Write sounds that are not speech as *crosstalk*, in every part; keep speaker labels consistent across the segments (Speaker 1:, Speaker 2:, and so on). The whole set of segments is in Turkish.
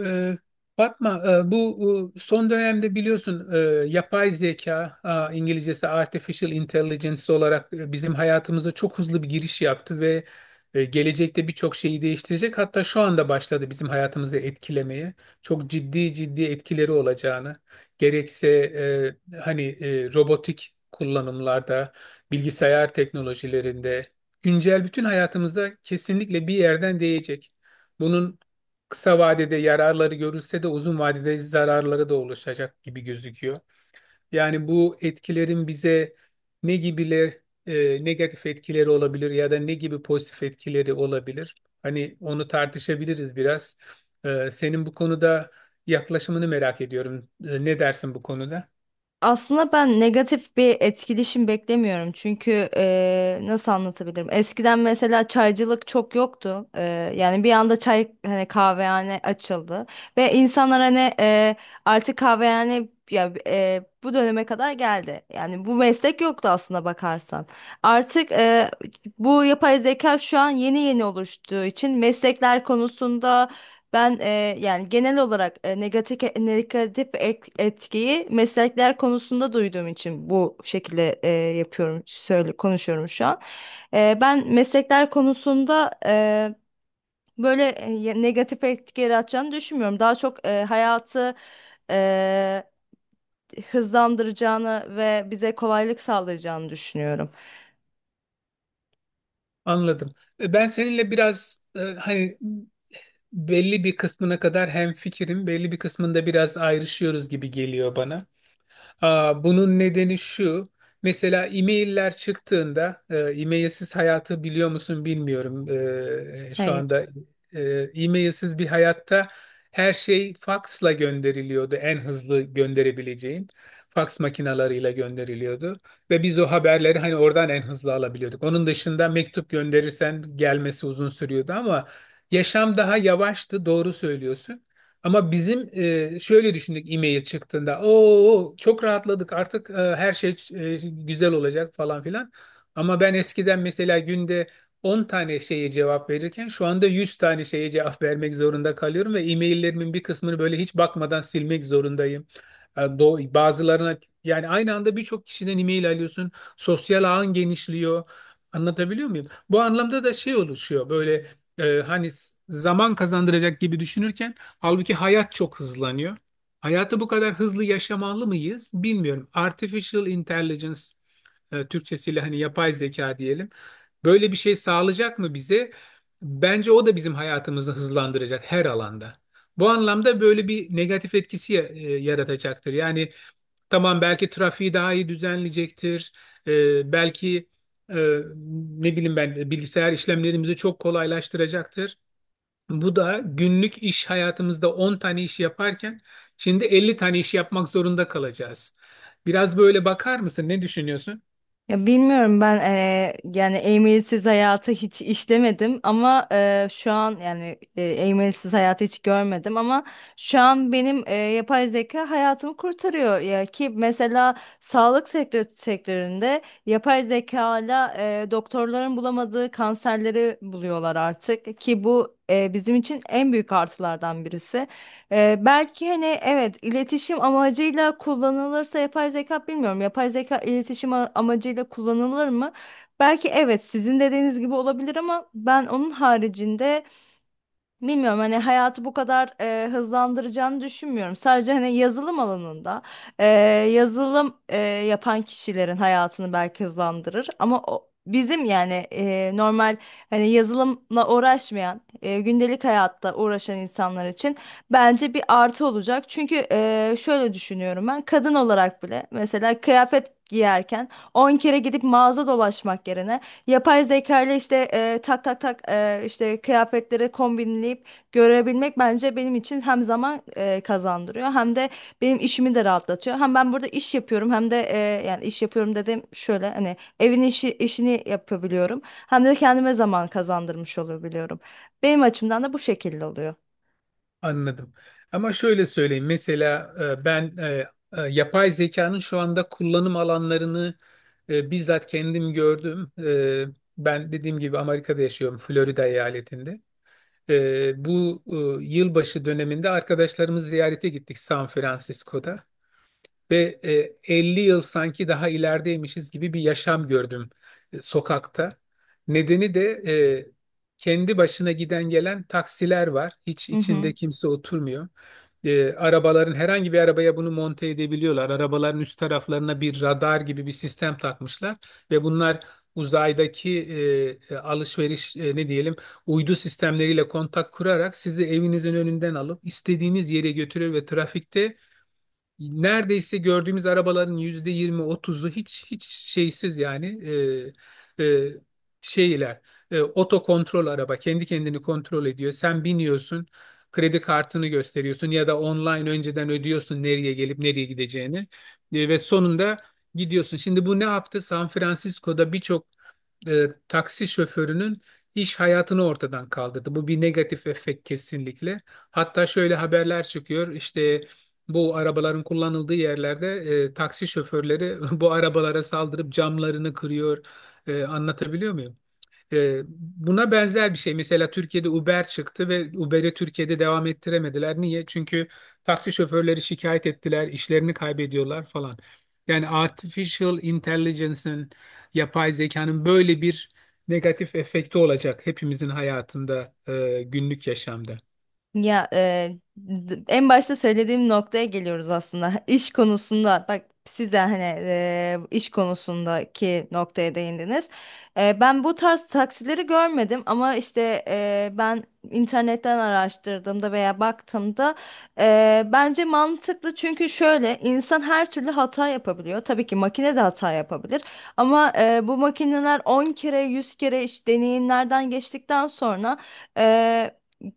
Speaker 1: Ee, Fatma, bu son dönemde biliyorsun, yapay zeka, İngilizcesi artificial intelligence olarak bizim hayatımıza çok hızlı bir giriş yaptı ve gelecekte birçok şeyi değiştirecek. Hatta şu anda başladı bizim hayatımızı etkilemeye. Çok ciddi ciddi etkileri olacağını, gerekse robotik kullanımlarda, bilgisayar teknolojilerinde, güncel bütün hayatımızda kesinlikle bir yerden değecek. Bunun kısa vadede yararları görülse de uzun vadede zararları da oluşacak gibi gözüküyor. Yani bu etkilerin bize ne gibiler, negatif etkileri olabilir ya da ne gibi pozitif etkileri olabilir? Hani onu tartışabiliriz biraz. Senin bu konuda yaklaşımını merak ediyorum. Ne dersin bu konuda?
Speaker 2: Aslında ben negatif bir etkileşim beklemiyorum. Çünkü nasıl anlatabilirim? Eskiden mesela çaycılık çok yoktu. Yani bir anda çay hani kahvehane açıldı ve insanlar hani artık kahvehane ya bu döneme kadar geldi. Yani bu meslek yoktu aslında bakarsan. Artık bu yapay zeka şu an yeni yeni oluştuğu için meslekler konusunda ben e, yani genel olarak negatif etkiyi meslekler konusunda duyduğum için bu şekilde yapıyorum, söyle konuşuyorum şu an. Ben meslekler konusunda böyle negatif etki yaratacağını düşünmüyorum. Daha çok hayatı e, hızlandıracağını ve bize kolaylık sağlayacağını düşünüyorum.
Speaker 1: Anladım. Ben seninle biraz, hani belli bir kısmına kadar hem fikrim, belli bir kısmında biraz ayrışıyoruz gibi geliyor bana. Bunun nedeni şu. Mesela e-mailler çıktığında, e-mailsiz hayatı biliyor musun bilmiyorum. Şu
Speaker 2: Hayır.
Speaker 1: anda e, e-mailsiz bir hayatta her şey faksla gönderiliyordu. En hızlı gönderebileceğin faks makinalarıyla gönderiliyordu. Ve biz o haberleri hani oradan en hızlı alabiliyorduk. Onun dışında mektup gönderirsen gelmesi uzun sürüyordu ama yaşam daha yavaştı, doğru söylüyorsun. Ama bizim, şöyle düşündük e-mail çıktığında. Oo çok rahatladık artık, her şey güzel olacak falan filan. Ama ben eskiden mesela günde 10 tane şeye cevap verirken şu anda 100 tane şeye cevap vermek zorunda kalıyorum ve e-maillerimin bir kısmını böyle hiç bakmadan silmek zorundayım. Bazılarına yani aynı anda birçok kişiden e-mail alıyorsun. Sosyal ağın genişliyor. Anlatabiliyor muyum? Bu anlamda da şey oluşuyor böyle, hani zaman kazandıracak gibi düşünürken halbuki hayat çok hızlanıyor. Hayatı bu kadar hızlı yaşamalı mıyız bilmiyorum. Artificial intelligence, Türkçesiyle hani yapay zeka diyelim. Böyle bir şey sağlayacak mı bize? Bence o da bizim hayatımızı hızlandıracak her alanda. Bu anlamda böyle bir negatif etkisi yaratacaktır. Yani tamam belki trafiği daha iyi düzenleyecektir. Belki e, ne bileyim ben bilgisayar işlemlerimizi çok kolaylaştıracaktır. Bu da günlük iş hayatımızda 10 tane iş yaparken şimdi 50 tane iş yapmak zorunda kalacağız. Biraz böyle bakar mısın? Ne düşünüyorsun?
Speaker 2: Ya bilmiyorum ben yani e-mailsiz hayatı hiç işlemedim ama şu an yani e-mailsiz hayatı hiç görmedim ama şu an benim yapay zeka hayatımı kurtarıyor ya ki mesela sektöründe yapay zeka ile doktorların bulamadığı kanserleri buluyorlar artık ki bu bizim için en büyük artılardan birisi. Belki hani evet iletişim amacıyla kullanılırsa yapay zeka bilmiyorum. Yapay zeka iletişim amacıyla kullanılır mı? Belki evet sizin dediğiniz gibi olabilir ama ben onun haricinde bilmiyorum hani hayatı bu kadar hızlandıracağını düşünmüyorum. Sadece hani yazılım alanında e, yazılım yapan kişilerin hayatını belki hızlandırır. Ama o, bizim yani normal hani yazılımla uğraşmayan gündelik hayatta uğraşan insanlar için bence bir artı olacak. Çünkü şöyle düşünüyorum ben kadın olarak bile mesela kıyafet giyerken 10 kere gidip mağaza dolaşmak yerine yapay zeka ile işte tak tak tak işte kıyafetleri kombinleyip görebilmek bence benim için hem zaman kazandırıyor hem de benim işimi de rahatlatıyor. Hem ben burada iş yapıyorum hem de yani iş yapıyorum dedim şöyle hani evin işini yapabiliyorum. Hem de kendime zaman kazandırmış olabiliyorum. Benim açımdan da bu şekilde oluyor.
Speaker 1: Anladım. Ama şöyle söyleyeyim. Mesela e, ben e, yapay zekanın şu anda kullanım alanlarını bizzat kendim gördüm. Ben dediğim gibi Amerika'da yaşıyorum, Florida eyaletinde. Bu yılbaşı döneminde arkadaşlarımız ziyarete gittik San Francisco'da. Ve 50 yıl sanki daha ilerideymişiz gibi bir yaşam gördüm sokakta. Nedeni de kendi başına giden gelen taksiler var. Hiç
Speaker 2: Hı
Speaker 1: içinde
Speaker 2: hı.
Speaker 1: kimse oturmuyor. Arabaların herhangi bir arabaya bunu monte edebiliyorlar. Arabaların üst taraflarına bir radar gibi bir sistem takmışlar ve bunlar uzaydaki alışveriş, ne diyelim, uydu sistemleriyle kontak kurarak sizi evinizin önünden alıp istediğiniz yere götürür ve trafikte neredeyse gördüğümüz arabaların %20-30'u hiç hiç şeysiz, yani e, e, şeyler, oto kontrol, araba kendi kendini kontrol ediyor. Sen biniyorsun, kredi kartını gösteriyorsun ya da online önceden ödüyorsun nereye gelip nereye gideceğini. Ve sonunda gidiyorsun. Şimdi bu ne yaptı? San Francisco'da birçok taksi şoförünün iş hayatını ortadan kaldırdı. Bu bir negatif efekt kesinlikle. Hatta şöyle haberler çıkıyor. İşte bu arabaların kullanıldığı yerlerde taksi şoförleri *laughs* bu arabalara saldırıp camlarını kırıyor. Anlatabiliyor muyum? Buna benzer bir şey. Mesela Türkiye'de Uber çıktı ve Uber'i Türkiye'de devam ettiremediler. Niye? Çünkü taksi şoförleri şikayet ettiler, işlerini kaybediyorlar falan. Yani artificial intelligence'ın, yapay zekanın böyle bir negatif efekti olacak hepimizin hayatında, günlük yaşamda.
Speaker 2: Ya en başta söylediğim noktaya geliyoruz aslında. *laughs* İş konusunda bak siz de hani iş konusundaki noktaya değindiniz. Ben bu tarz taksileri görmedim ama işte ben internetten araştırdığımda veya baktığımda bence mantıklı çünkü şöyle insan her türlü hata yapabiliyor. Tabii ki makine de hata yapabilir ama bu makineler 10 kere 100 kere iş deneyimlerden geçtikten sonra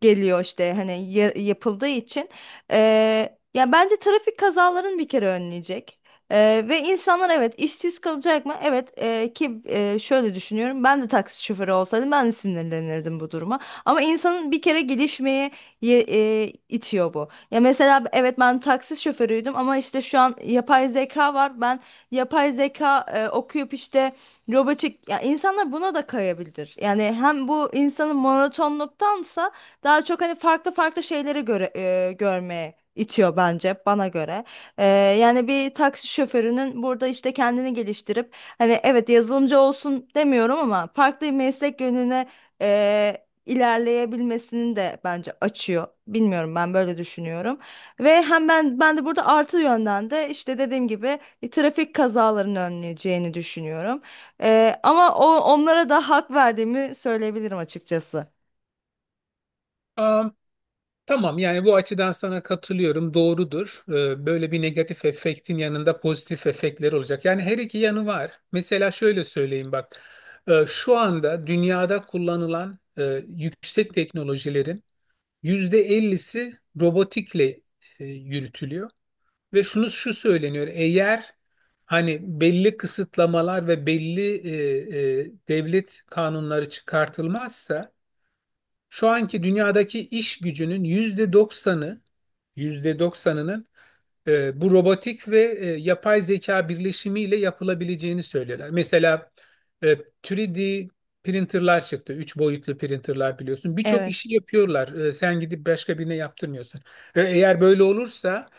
Speaker 2: geliyor işte hani yapıldığı için. Ya bence trafik kazalarını bir kere önleyecek. Ve insanlar evet işsiz kalacak mı? Evet, ki şöyle düşünüyorum ben de taksi şoförü olsaydım ben de sinirlenirdim bu duruma. Ama insanın bir kere gelişmeye itiyor bu. Ya mesela evet ben taksi şoförüydüm ama işte şu an yapay zeka var. Ben yapay zeka okuyup işte robotik ya insanlar buna da kayabilir. Yani hem bu insanın monotonluktansa daha çok hani farklı farklı şeylere göre görmeye itiyor bence bana göre. Yani bir taksi şoförünün burada işte kendini geliştirip hani evet yazılımcı olsun demiyorum ama farklı bir meslek yönüne ilerleyebilmesini de bence açıyor. Bilmiyorum ben böyle düşünüyorum. Ve hem ben de burada artı yönden de işte dediğim gibi bir trafik kazalarını önleyeceğini düşünüyorum. Ama o, onlara da hak verdiğimi söyleyebilirim açıkçası.
Speaker 1: Tamam yani bu açıdan sana katılıyorum, doğrudur. Böyle bir negatif efektin yanında pozitif efektler olacak. Yani her iki yanı var. Mesela şöyle söyleyeyim bak. Şu anda dünyada kullanılan yüksek teknolojilerin %50'si robotikle yürütülüyor. Ve şunu şu söyleniyor. Eğer hani belli kısıtlamalar ve belli devlet kanunları çıkartılmazsa şu anki dünyadaki iş gücünün yüzde doksanı, %90'ının bu robotik ve yapay zeka birleşimiyle yapılabileceğini söylüyorlar. Mesela e, 3D printerlar çıktı. Üç boyutlu printerlar biliyorsun. Birçok
Speaker 2: Evet.
Speaker 1: işi yapıyorlar. Sen gidip başka birine yaptırmıyorsun. Eğer böyle olursa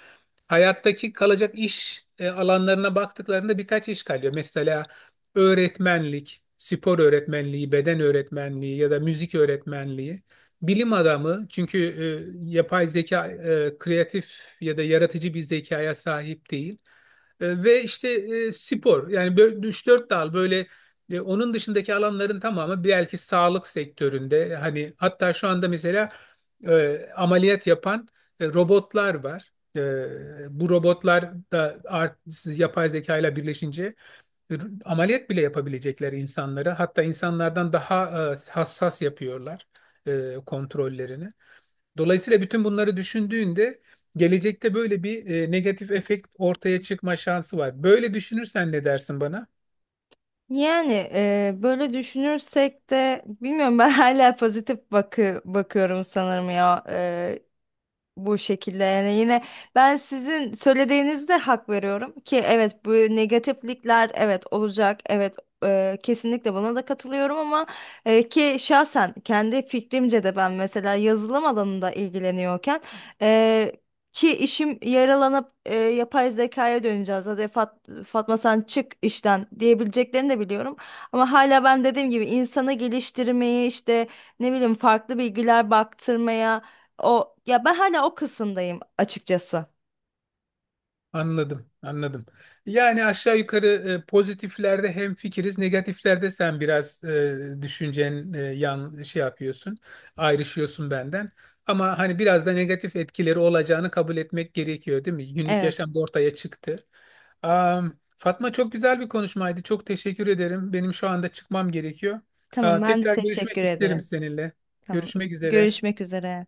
Speaker 1: hayattaki kalacak iş alanlarına baktıklarında birkaç iş kalıyor. Mesela öğretmenlik, spor öğretmenliği, beden öğretmenliği ya da müzik öğretmenliği. Bilim adamı, çünkü yapay zeka kreatif ya da yaratıcı bir zekaya sahip değil. Ve işte spor, yani böyle 3-4 dal böyle, onun dışındaki alanların tamamı belki sağlık sektöründe, hani hatta şu anda mesela ameliyat yapan robotlar var. Bu robotlar da yapay zeka ile birleşince ameliyat bile yapabilecekler insanları. Hatta insanlardan daha hassas yapıyorlar kontrollerini. Dolayısıyla bütün bunları düşündüğünde gelecekte böyle bir negatif efekt ortaya çıkma şansı var. Böyle düşünürsen ne dersin bana?
Speaker 2: Yani böyle düşünürsek de bilmiyorum ben *laughs* hala pozitif bakıyorum sanırım ya bu şekilde yani yine ben sizin söylediğinizde hak veriyorum ki evet bu negatiflikler evet olacak evet, kesinlikle buna da katılıyorum ama ki şahsen kendi fikrimce de ben mesela yazılım alanında ilgileniyorken e, ki işim yaralanıp yapay zekaya döneceğiz hadi Fatma sen çık işten diyebileceklerini de biliyorum ama hala ben dediğim gibi insanı geliştirmeyi işte ne bileyim farklı bilgiler baktırmaya o ya ben hala o kısımdayım açıkçası.
Speaker 1: Anladım, anladım. Yani aşağı yukarı pozitiflerde hem fikiriz, negatiflerde sen biraz, düşüncen yan şey yapıyorsun, ayrışıyorsun benden. Ama hani biraz da negatif etkileri olacağını kabul etmek gerekiyor, değil mi? Günlük
Speaker 2: Evet.
Speaker 1: yaşamda ortaya çıktı. Fatma, çok güzel bir konuşmaydı. Çok teşekkür ederim. Benim şu anda çıkmam gerekiyor.
Speaker 2: Tamam, ben de
Speaker 1: Tekrar görüşmek
Speaker 2: teşekkür
Speaker 1: isterim
Speaker 2: ederim.
Speaker 1: seninle.
Speaker 2: Tamam.
Speaker 1: Görüşmek üzere.
Speaker 2: Görüşmek üzere.